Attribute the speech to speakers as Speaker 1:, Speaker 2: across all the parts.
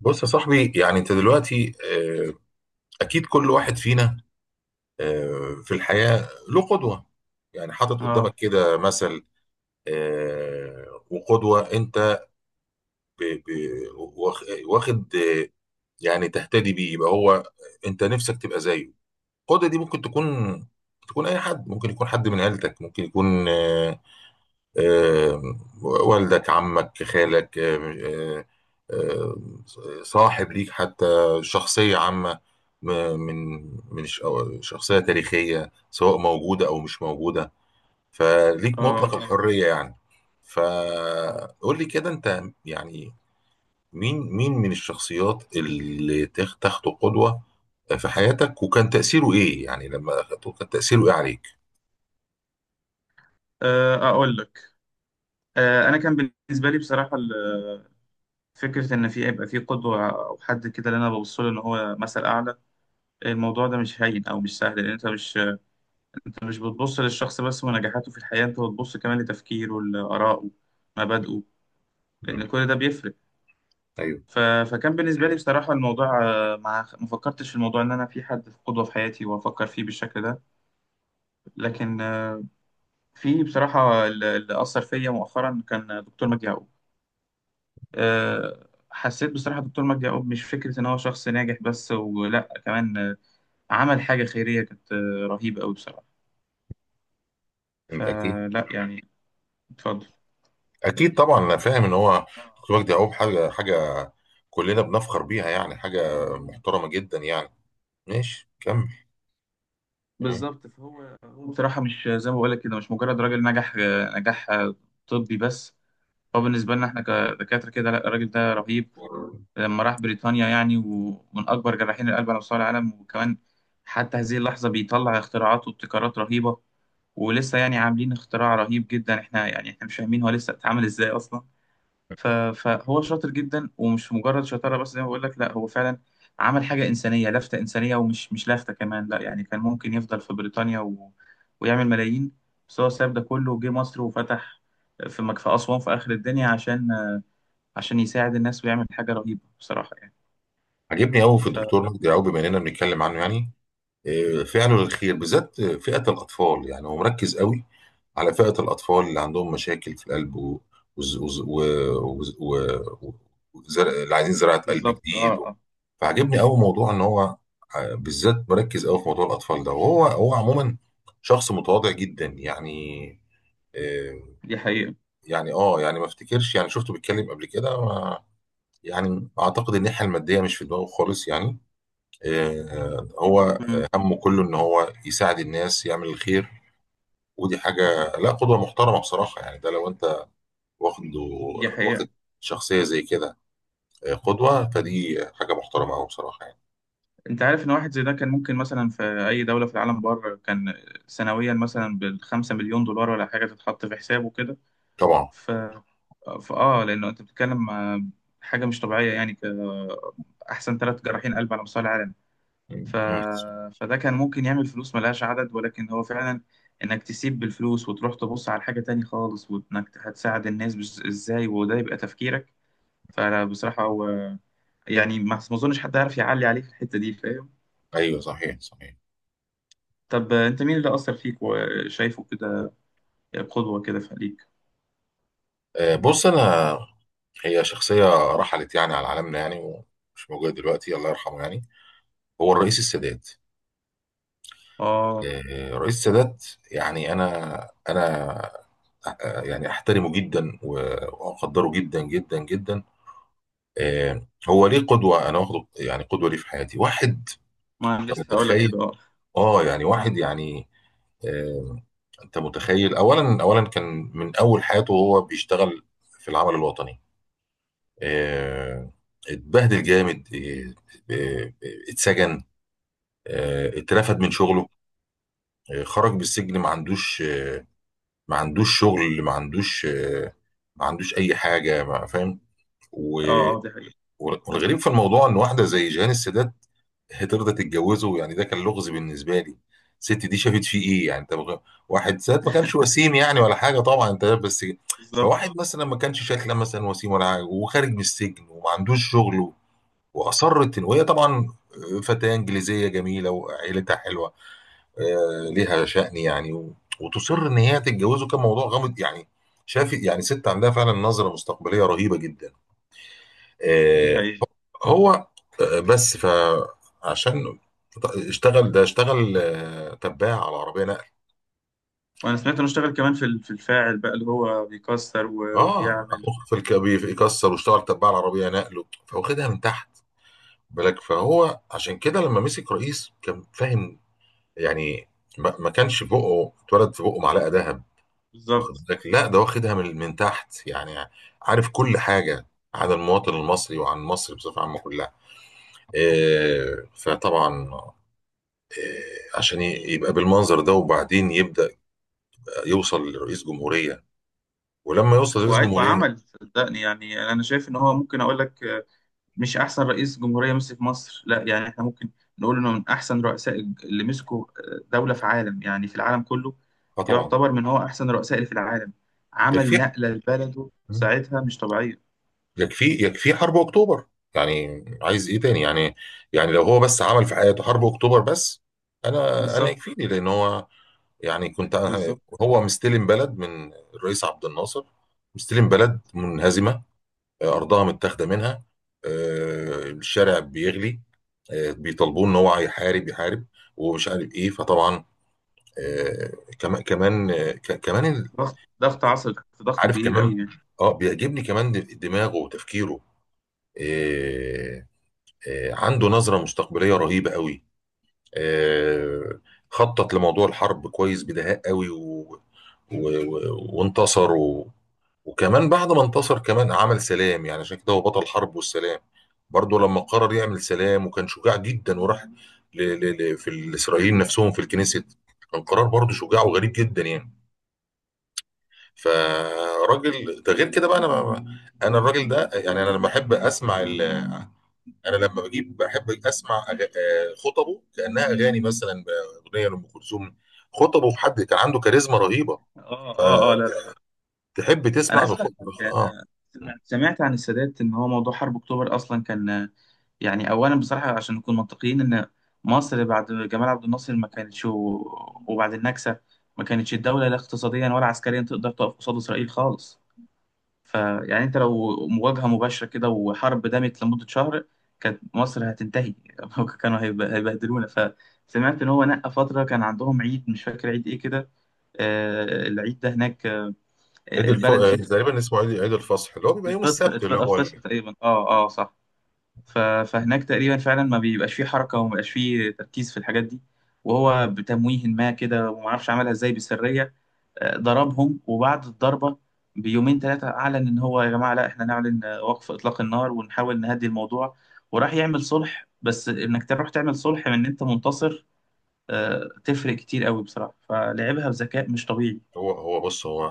Speaker 1: بص يا صاحبي، يعني انت دلوقتي اكيد كل واحد فينا في الحياة له قدوة، يعني حاطط قدامك
Speaker 2: اه
Speaker 1: كده مثل. وقدوة انت واخد، يعني تهتدي بيه، يبقى هو انت نفسك تبقى زيه. القدوة دي ممكن تكون اي حد، ممكن يكون حد من عيلتك، ممكن يكون آه، والدك، عمك، خالك، آه، آه، صاحب ليك حتى، شخصية عامة، م- من من أو شخصية تاريخية، سواء موجودة أو مش موجودة، فليك
Speaker 2: اه
Speaker 1: مطلق
Speaker 2: فاهم.
Speaker 1: الحرية يعني. فقول لي كده، أنت يعني مين من الشخصيات اللي تاخده قدوة في حياتك، وكان تأثيره إيه؟ يعني لما أخدته كان تأثيره إيه عليك؟
Speaker 2: اقول لك. انا كان بالنسبه لي بصراحه فكره ان في يبقى في قدوه او حد كده اللي انا ببص له ان هو مثل اعلى. الموضوع ده مش هين او مش سهل، لان انت مش بتبص للشخص بس ونجاحاته في الحياه، انت بتبص كمان لتفكيره لارائه مبادئه،
Speaker 1: مم.
Speaker 2: لان كل ده بيفرق.
Speaker 1: أيوه.
Speaker 2: ف... فكان بالنسبه لي بصراحه الموضوع، ما فكرتش في الموضوع ان انا في حد في قدوه في حياتي وافكر فيه بالشكل ده. لكن، في بصراحه اللي اثر فيا مؤخرا كان دكتور مجدي يعقوب. آه، حسيت بصراحة دكتور مجدي يعقوب مش فكرة إن هو شخص ناجح بس، ولا كمان عمل حاجة خيرية كانت رهيبة أوي بصراحة.
Speaker 1: أنت أكيد.
Speaker 2: فلا يعني. اتفضل.
Speaker 1: اكيد طبعا انا فاهم ان هو دكتور وجدي يعقوب حاجه حاجه كلنا بنفخر بيها، يعني حاجه محترمه جدا يعني. ماشي كمل. تمام.
Speaker 2: بالظبط. فهو بصراحة مش زي ما بقولك كده، مش مجرد راجل نجح نجاح طبي بس. هو بالنسبة لنا احنا كدكاترة كده، لا الراجل ده رهيب. لما راح بريطانيا يعني، ومن أكبر جراحين القلب على مستوى العالم، وكمان حتى هذه اللحظة بيطلع اختراعات وابتكارات رهيبة. ولسه يعني عاملين اختراع رهيب جدا، احنا يعني احنا مش فاهمين هو لسه اتعمل ازاي اصلا. فهو شاطر جدا، ومش مجرد شطارة بس زي ما بقول لك، لا هو فعلا عمل حاجة إنسانية، لفتة إنسانية. ومش مش لفتة كمان، لا يعني كان ممكن يفضل في بريطانيا ويعمل ملايين. بس هو ساب ده كله وجه مصر، وفتح في في أسوان، في آخر الدنيا، عشان يساعد الناس ويعمل حاجة رهيبة بصراحة يعني.
Speaker 1: عجبني قوي في
Speaker 2: ف
Speaker 1: الدكتور وجدي يعقوب، بما اننا بنتكلم عنه، يعني فعله للخير بالذات فئة الأطفال. يعني هو مركز قوي على فئة الأطفال اللي عندهم مشاكل في القلب و... وز- وز- و... وز- و... و... وزر... اللي عايزين زراعة قلب
Speaker 2: بالظبط. اه
Speaker 1: جديد
Speaker 2: اه
Speaker 1: فعجبني قوي موضوع إن هو بالذات مركز قوي في موضوع الأطفال ده، وهو عموما شخص متواضع جدا يعني. آه،
Speaker 2: دي حقيقة.
Speaker 1: يعني اه، يعني ما افتكرش، يعني شفته بيتكلم قبل كده، ما يعني اعتقد ان الناحيه الماديه مش في دماغه خالص يعني. هو
Speaker 2: مم.
Speaker 1: همه كله ان هو يساعد الناس، يعمل الخير، ودي حاجه لا، قدوه محترمه بصراحه يعني. ده لو انت واخد
Speaker 2: دي
Speaker 1: واخد
Speaker 2: حقيقة.
Speaker 1: شخصيه زي كده قدوه، فدي حاجه محترمه قوي بصراحه يعني.
Speaker 2: انت عارف ان واحد زي ده كان ممكن مثلا في اي دولة في العالم بره، كان سنويا مثلا بـ5 مليون دولار ولا حاجة تتحط في حسابه كده.
Speaker 1: طبعا.
Speaker 2: ف... فاه لانه انت بتتكلم حاجة مش طبيعية يعني. احسن ثلاث جراحين قلب على مستوى العالم. ف...
Speaker 1: مم. مم.
Speaker 2: فده كان ممكن يعمل فلوس ملهاش عدد، ولكن هو فعلا، انك تسيب بالفلوس وتروح تبص على حاجة تاني خالص، وانك هتساعد الناس ازاي، وده يبقى تفكيرك. فبصراحة هو يعني ما اظنش حد يعرف يعلي عليه في الحتة دي فاهم.
Speaker 1: ايوه، صحيح صحيح.
Speaker 2: طب انت مين اللي اثر فيك وشايفه كده قدوه كده في عليك؟
Speaker 1: بص، هي شخصيه رحلت يعني على عالمنا، يعني ومش موجوده دلوقتي، الله يرحمه يعني. هو الرئيس السادات.
Speaker 2: اه.
Speaker 1: رئيس سادات. يعني انا يعني احترمه جدا واقدره جدا جدا جدا. هو ليه قدوه انا واخده، يعني قدوه ليه في حياتي؟ واحد،
Speaker 2: ما انا
Speaker 1: انت
Speaker 2: لسه اقول لك
Speaker 1: متخيل؟
Speaker 2: كده. اه
Speaker 1: اه يعني واحد يعني آه، انت متخيل؟ اولا كان من اول حياته وهو بيشتغل في العمل الوطني. آه، اتبهدل جامد، آه، اتسجن، اترفد من
Speaker 2: اه
Speaker 1: شغله، خرج بالسجن ما عندوش ما عندوش شغل، ما عندوش ما عندوش اي حاجه، ما فاهم و-
Speaker 2: اه اه. دي حقيقه.
Speaker 1: والغريب في الموضوع ان واحده زي جيهان السادات هترضى تتجوزه. يعني ده كان لغز بالنسبه لي، الست دي شافت فيه ايه يعني؟ انت واحد سادات ما كانش وسيم، يعني ولا حاجه، طبعا انت بس.
Speaker 2: بالظبط.
Speaker 1: فواحد مثلا ما كانش شكله مثلا وسيم ولا حاجه، وخارج من السجن، وما عندوش شغل، واصرت ان، وهي طبعا فتاه انجليزيه جميله، وعيلتها حلوه، ليها شأن يعني وتصر ان هي تتجوزه. كان موضوع غامض يعني، شاف يعني ست عندها فعلا نظرة مستقبلية رهيبة جدا.
Speaker 2: دي
Speaker 1: آه،
Speaker 2: حقيقه.
Speaker 1: هو بس. فعشان اشتغل، ده اشتغل تباع على عربية نقل.
Speaker 2: وانا سمعت انه اشتغل كمان في في الفاعل بقى اللي هو بيكسر
Speaker 1: اه،
Speaker 2: وبيعمل.
Speaker 1: اخوه في الكبير يكسر، واشتغل تباع على عربية نقل، فواخدها من تحت بالك. فهو عشان كده لما مسك رئيس كان فاهم يعني، ما كانش في بقه اتولد، في بقه معلقة ذهب، واخد
Speaker 2: بالظبط.
Speaker 1: بالك؟ لا، ده واخدها من تحت يعني، عارف كل حاجه عن المواطن المصري، وعن مصر بصفه عامه كلها. إيه، فطبعا عشان يبقى بالمنظر ده، وبعدين يبدا يوصل لرئيس جمهوريه. ولما يوصل لرئيس جمهوريه،
Speaker 2: وعمل صدقني يعني، يعني انا شايف ان هو ممكن اقول لك مش احسن رئيس جمهوريه مسك مصر، لا يعني احنا ممكن نقول انه من احسن رؤساء اللي مسكوا دوله في عالم، يعني في العالم كله.
Speaker 1: اه طبعا.
Speaker 2: يعتبر من هو احسن الرؤساء اللي في العالم. عمل
Speaker 1: يكفي
Speaker 2: نقله لبلده ساعتها مش طبيعيه.
Speaker 1: يكفي حرب اكتوبر، يعني عايز ايه تاني يعني؟ يعني لو هو بس عمل في حياته حرب اكتوبر بس، انا
Speaker 2: بالظبط.
Speaker 1: يكفيني، لان هو يعني. كنت أنا-
Speaker 2: بالظبط.
Speaker 1: هو مستلم بلد من الرئيس عبد الناصر، مستلم بلد منهزمه، ارضها متاخده منها. الشارع بيغلي، بيطالبوه ان هو يحارب يحارب، ومش عارف ايه. فطبعا آه، كمان
Speaker 2: ضغط عصر، تحت ضغط
Speaker 1: عارف
Speaker 2: كبير
Speaker 1: كمان.
Speaker 2: قوي يعني.
Speaker 1: اه، بيعجبني كمان دماغه وتفكيره. آه، عنده نظرة مستقبلية رهيبة قوي. آه، خطط لموضوع الحرب كويس بدهاء قوي وانتصر وكمان بعد ما انتصر كمان عمل سلام، يعني عشان كده هو بطل حرب والسلام. برضه لما قرر يعمل سلام، وكان شجاع جدا، وراح في الإسرائيليين نفسهم في الكنيسة. كان قرار برضه شجاع وغريب جدا يعني. فراجل ده غير كده بقى. انا الراجل ده، يعني انا لما احب اسمع انا لما بجيب بحب اسمع أغ... آه، خطبه كانها اغاني مثلا، اغنيه لام كلثوم. خطبه في حد كان عنده كاريزما رهيبه،
Speaker 2: اه اه اه لا لا لا.
Speaker 1: فتحب
Speaker 2: انا
Speaker 1: تسمع
Speaker 2: عايز
Speaker 1: له
Speaker 2: اقول لك
Speaker 1: خطبه.
Speaker 2: حاجة،
Speaker 1: اه،
Speaker 2: انا سمعت عن السادات ان هو موضوع حرب اكتوبر اصلا كان، يعني اولا بصراحه عشان نكون منطقيين، ان مصر بعد جمال عبد الناصر ما كانتش، وبعد النكسه ما كانتش الدوله لا اقتصاديا ولا عسكريا تقدر تقف قصاد اسرائيل خالص. فيعني انت لو مواجهه مباشره كده، وحرب دامت لمده شهر، كانت مصر هتنتهي. كانوا هيبهدلونا. فسمعت ان هو نقى فتره كان عندهم عيد، مش فاكر عيد ايه كده، العيد ده هناك
Speaker 1: عيد الف...
Speaker 2: البلد
Speaker 1: آه،
Speaker 2: فيه.
Speaker 1: تقريبا اسمه عيد الفصح، اللي هو بيبقى يوم
Speaker 2: الفطر
Speaker 1: السبت، اللي
Speaker 2: الفطر
Speaker 1: هو
Speaker 2: الفطر تقريبا. اه اه صح. فهناك تقريبا فعلا ما بيبقاش فيه حركة، وما بيبقاش فيه تركيز في الحاجات دي. وهو بتمويه ما كده، وما اعرفش عملها ازاي بسرية، ضربهم. وبعد الضربة بيومين ثلاثة أعلن إن هو يا جماعة لا، إحنا نعلن وقف إطلاق النار، ونحاول نهدي الموضوع. وراح يعمل صلح، بس إنك تروح تعمل صلح من إن أنت منتصر، تفرق كتير قوي بصراحة. فلعبها بذكاء مش طبيعي.
Speaker 1: هو هو بص هو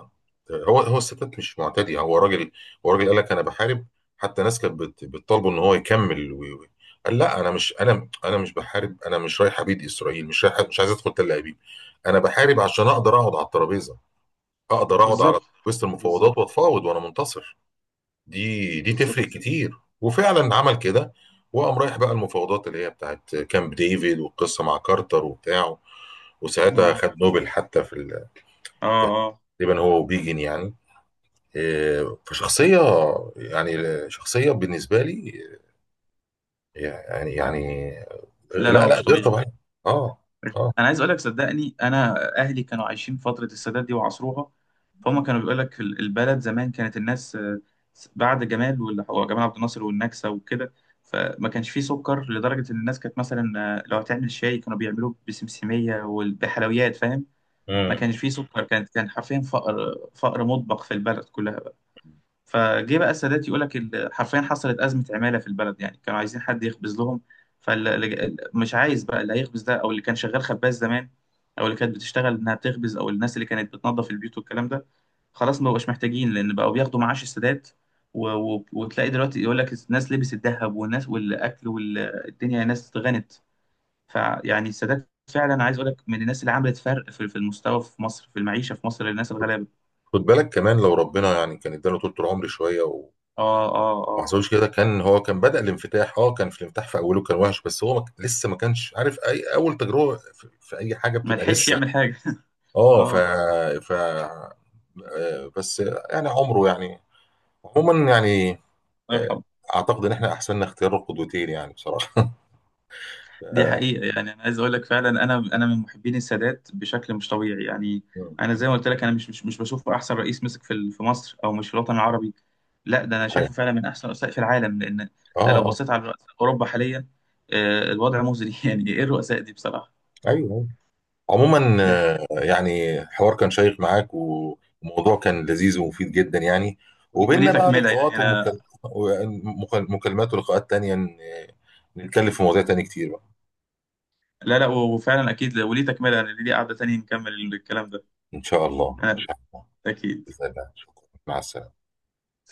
Speaker 1: هو هو الستات مش معتدي، هو راجل. هو راجل قال لك انا بحارب. حتى ناس كانت بتطالبه ان هو يكمل قال لا، انا مش، انا مش بحارب، انا مش رايح ابيد اسرائيل، مش رايح، مش عايز ادخل تل ابيب. انا بحارب عشان اقدر اقعد على الترابيزه، اقدر اقعد على
Speaker 2: بالظبط.
Speaker 1: وسط المفاوضات،
Speaker 2: بالظبط.
Speaker 1: واتفاوض وانا منتصر. دي
Speaker 2: بالظبط.
Speaker 1: تفرق كتير. وفعلا عمل كده، وقام رايح بقى المفاوضات اللي هي بتاعت كامب ديفيد، والقصه مع كارتر وبتاعه، وساعتها
Speaker 2: مم.
Speaker 1: خد نوبل حتى في
Speaker 2: آه آه.
Speaker 1: تقريبا هو وبيجن يعني. إيه، فشخصيه يعني، شخصيه بالنسبه لي يعني يعني
Speaker 2: لا لا
Speaker 1: لا
Speaker 2: هو
Speaker 1: لا
Speaker 2: مش
Speaker 1: غير
Speaker 2: طبيعي.
Speaker 1: طبيعيه. اه، اه.
Speaker 2: انا عايز اقول لك صدقني، انا اهلي كانوا عايشين فتره السادات دي وعصروها. فهم كانوا بيقول لك البلد زمان كانت الناس، بعد جمال، واللي هو جمال عبد الناصر، والنكسه وكده. فما كانش فيه سكر، لدرجه ان الناس كانت مثلا، لو هتعمل شاي كانوا بيعملوه بسمسميه وبحلويات فاهم. ما
Speaker 1: مم.
Speaker 2: كانش فيه سكر، كانت كان حرفيا فقر. فقر مطبق في البلد كلها. فجه بقى السادات يقول لك، حرفيا حصلت أزمة عمالة في البلد، يعني كانوا عايزين حد يخبز لهم. فمش عايز بقى اللي هيخبز ده، أو اللي كان شغال خباز زمان، أو اللي كانت بتشتغل إنها بتخبز، أو الناس اللي كانت بتنظف البيوت والكلام ده. خلاص ما بقوش محتاجين، لأن بقوا بياخدوا معاش السادات. وتلاقي دلوقتي يقول لك الناس لبس الذهب، والناس والأكل والدنيا، الناس غنت. فيعني السادات فعلا، عايز اقول لك، من الناس اللي عملت فرق في المستوى في مصر، في المعيشة في مصر للناس الغلابة.
Speaker 1: خد بالك كمان لو ربنا يعني كان اداله طول العمر شويه،
Speaker 2: اه اه اه.
Speaker 1: محظوظ كده كان. هو كان بدأ الانفتاح، اه كان في الانفتاح في اوله كان وحش، بس هو ما لسه ما كانش عارف اي اول تجربة في اي حاجة
Speaker 2: ما
Speaker 1: بتبقى
Speaker 2: لحقش
Speaker 1: لسه.
Speaker 2: يعمل حاجة.
Speaker 1: اه، ف
Speaker 2: اه.
Speaker 1: ف بس يعني عمره يعني، عموما يعني.
Speaker 2: الله
Speaker 1: آه،
Speaker 2: يرحمه.
Speaker 1: اعتقد ان احنا احسننا اختيار القدوتين يعني بصراحة.
Speaker 2: دي حقيقة. يعني أنا عايز أقول لك فعلا، أنا من محبين السادات بشكل مش طبيعي يعني. أنا
Speaker 1: مم.
Speaker 2: زي ما قلت لك، أنا مش بشوفه أحسن رئيس مسك في في مصر، أو مش في الوطن العربي. لا ده أنا
Speaker 1: اه،
Speaker 2: شايفه فعلا من أحسن الرؤساء في العالم، لأن
Speaker 1: اه.
Speaker 2: أنت لو
Speaker 1: آه،
Speaker 2: بصيت على رؤساء أوروبا حاليا، الوضع مزري. يعني إيه الرؤساء دي بصراحة.
Speaker 1: ايوه. آه. عموما
Speaker 2: دي حقيقة.
Speaker 1: يعني حوار كان شيق معاك، وموضوع كان لذيذ ومفيد جدا يعني.
Speaker 2: وليه
Speaker 1: وبيننا
Speaker 2: وليه
Speaker 1: بقى
Speaker 2: تكملة يعني
Speaker 1: لقاءات
Speaker 2: أنا.
Speaker 1: ومكالمات ولقاءات تانية، نتكلم في مواضيع تانية كتير بقى.
Speaker 2: لا لا، وفعلا أكيد وليه تكملة. أنا ليه قعدة تانية نكمل الكلام ده.
Speaker 1: إن شاء الله إن
Speaker 2: أنا
Speaker 1: شاء الله.
Speaker 2: أكيد.
Speaker 1: بإذن الله. شكرا، مع السلامة.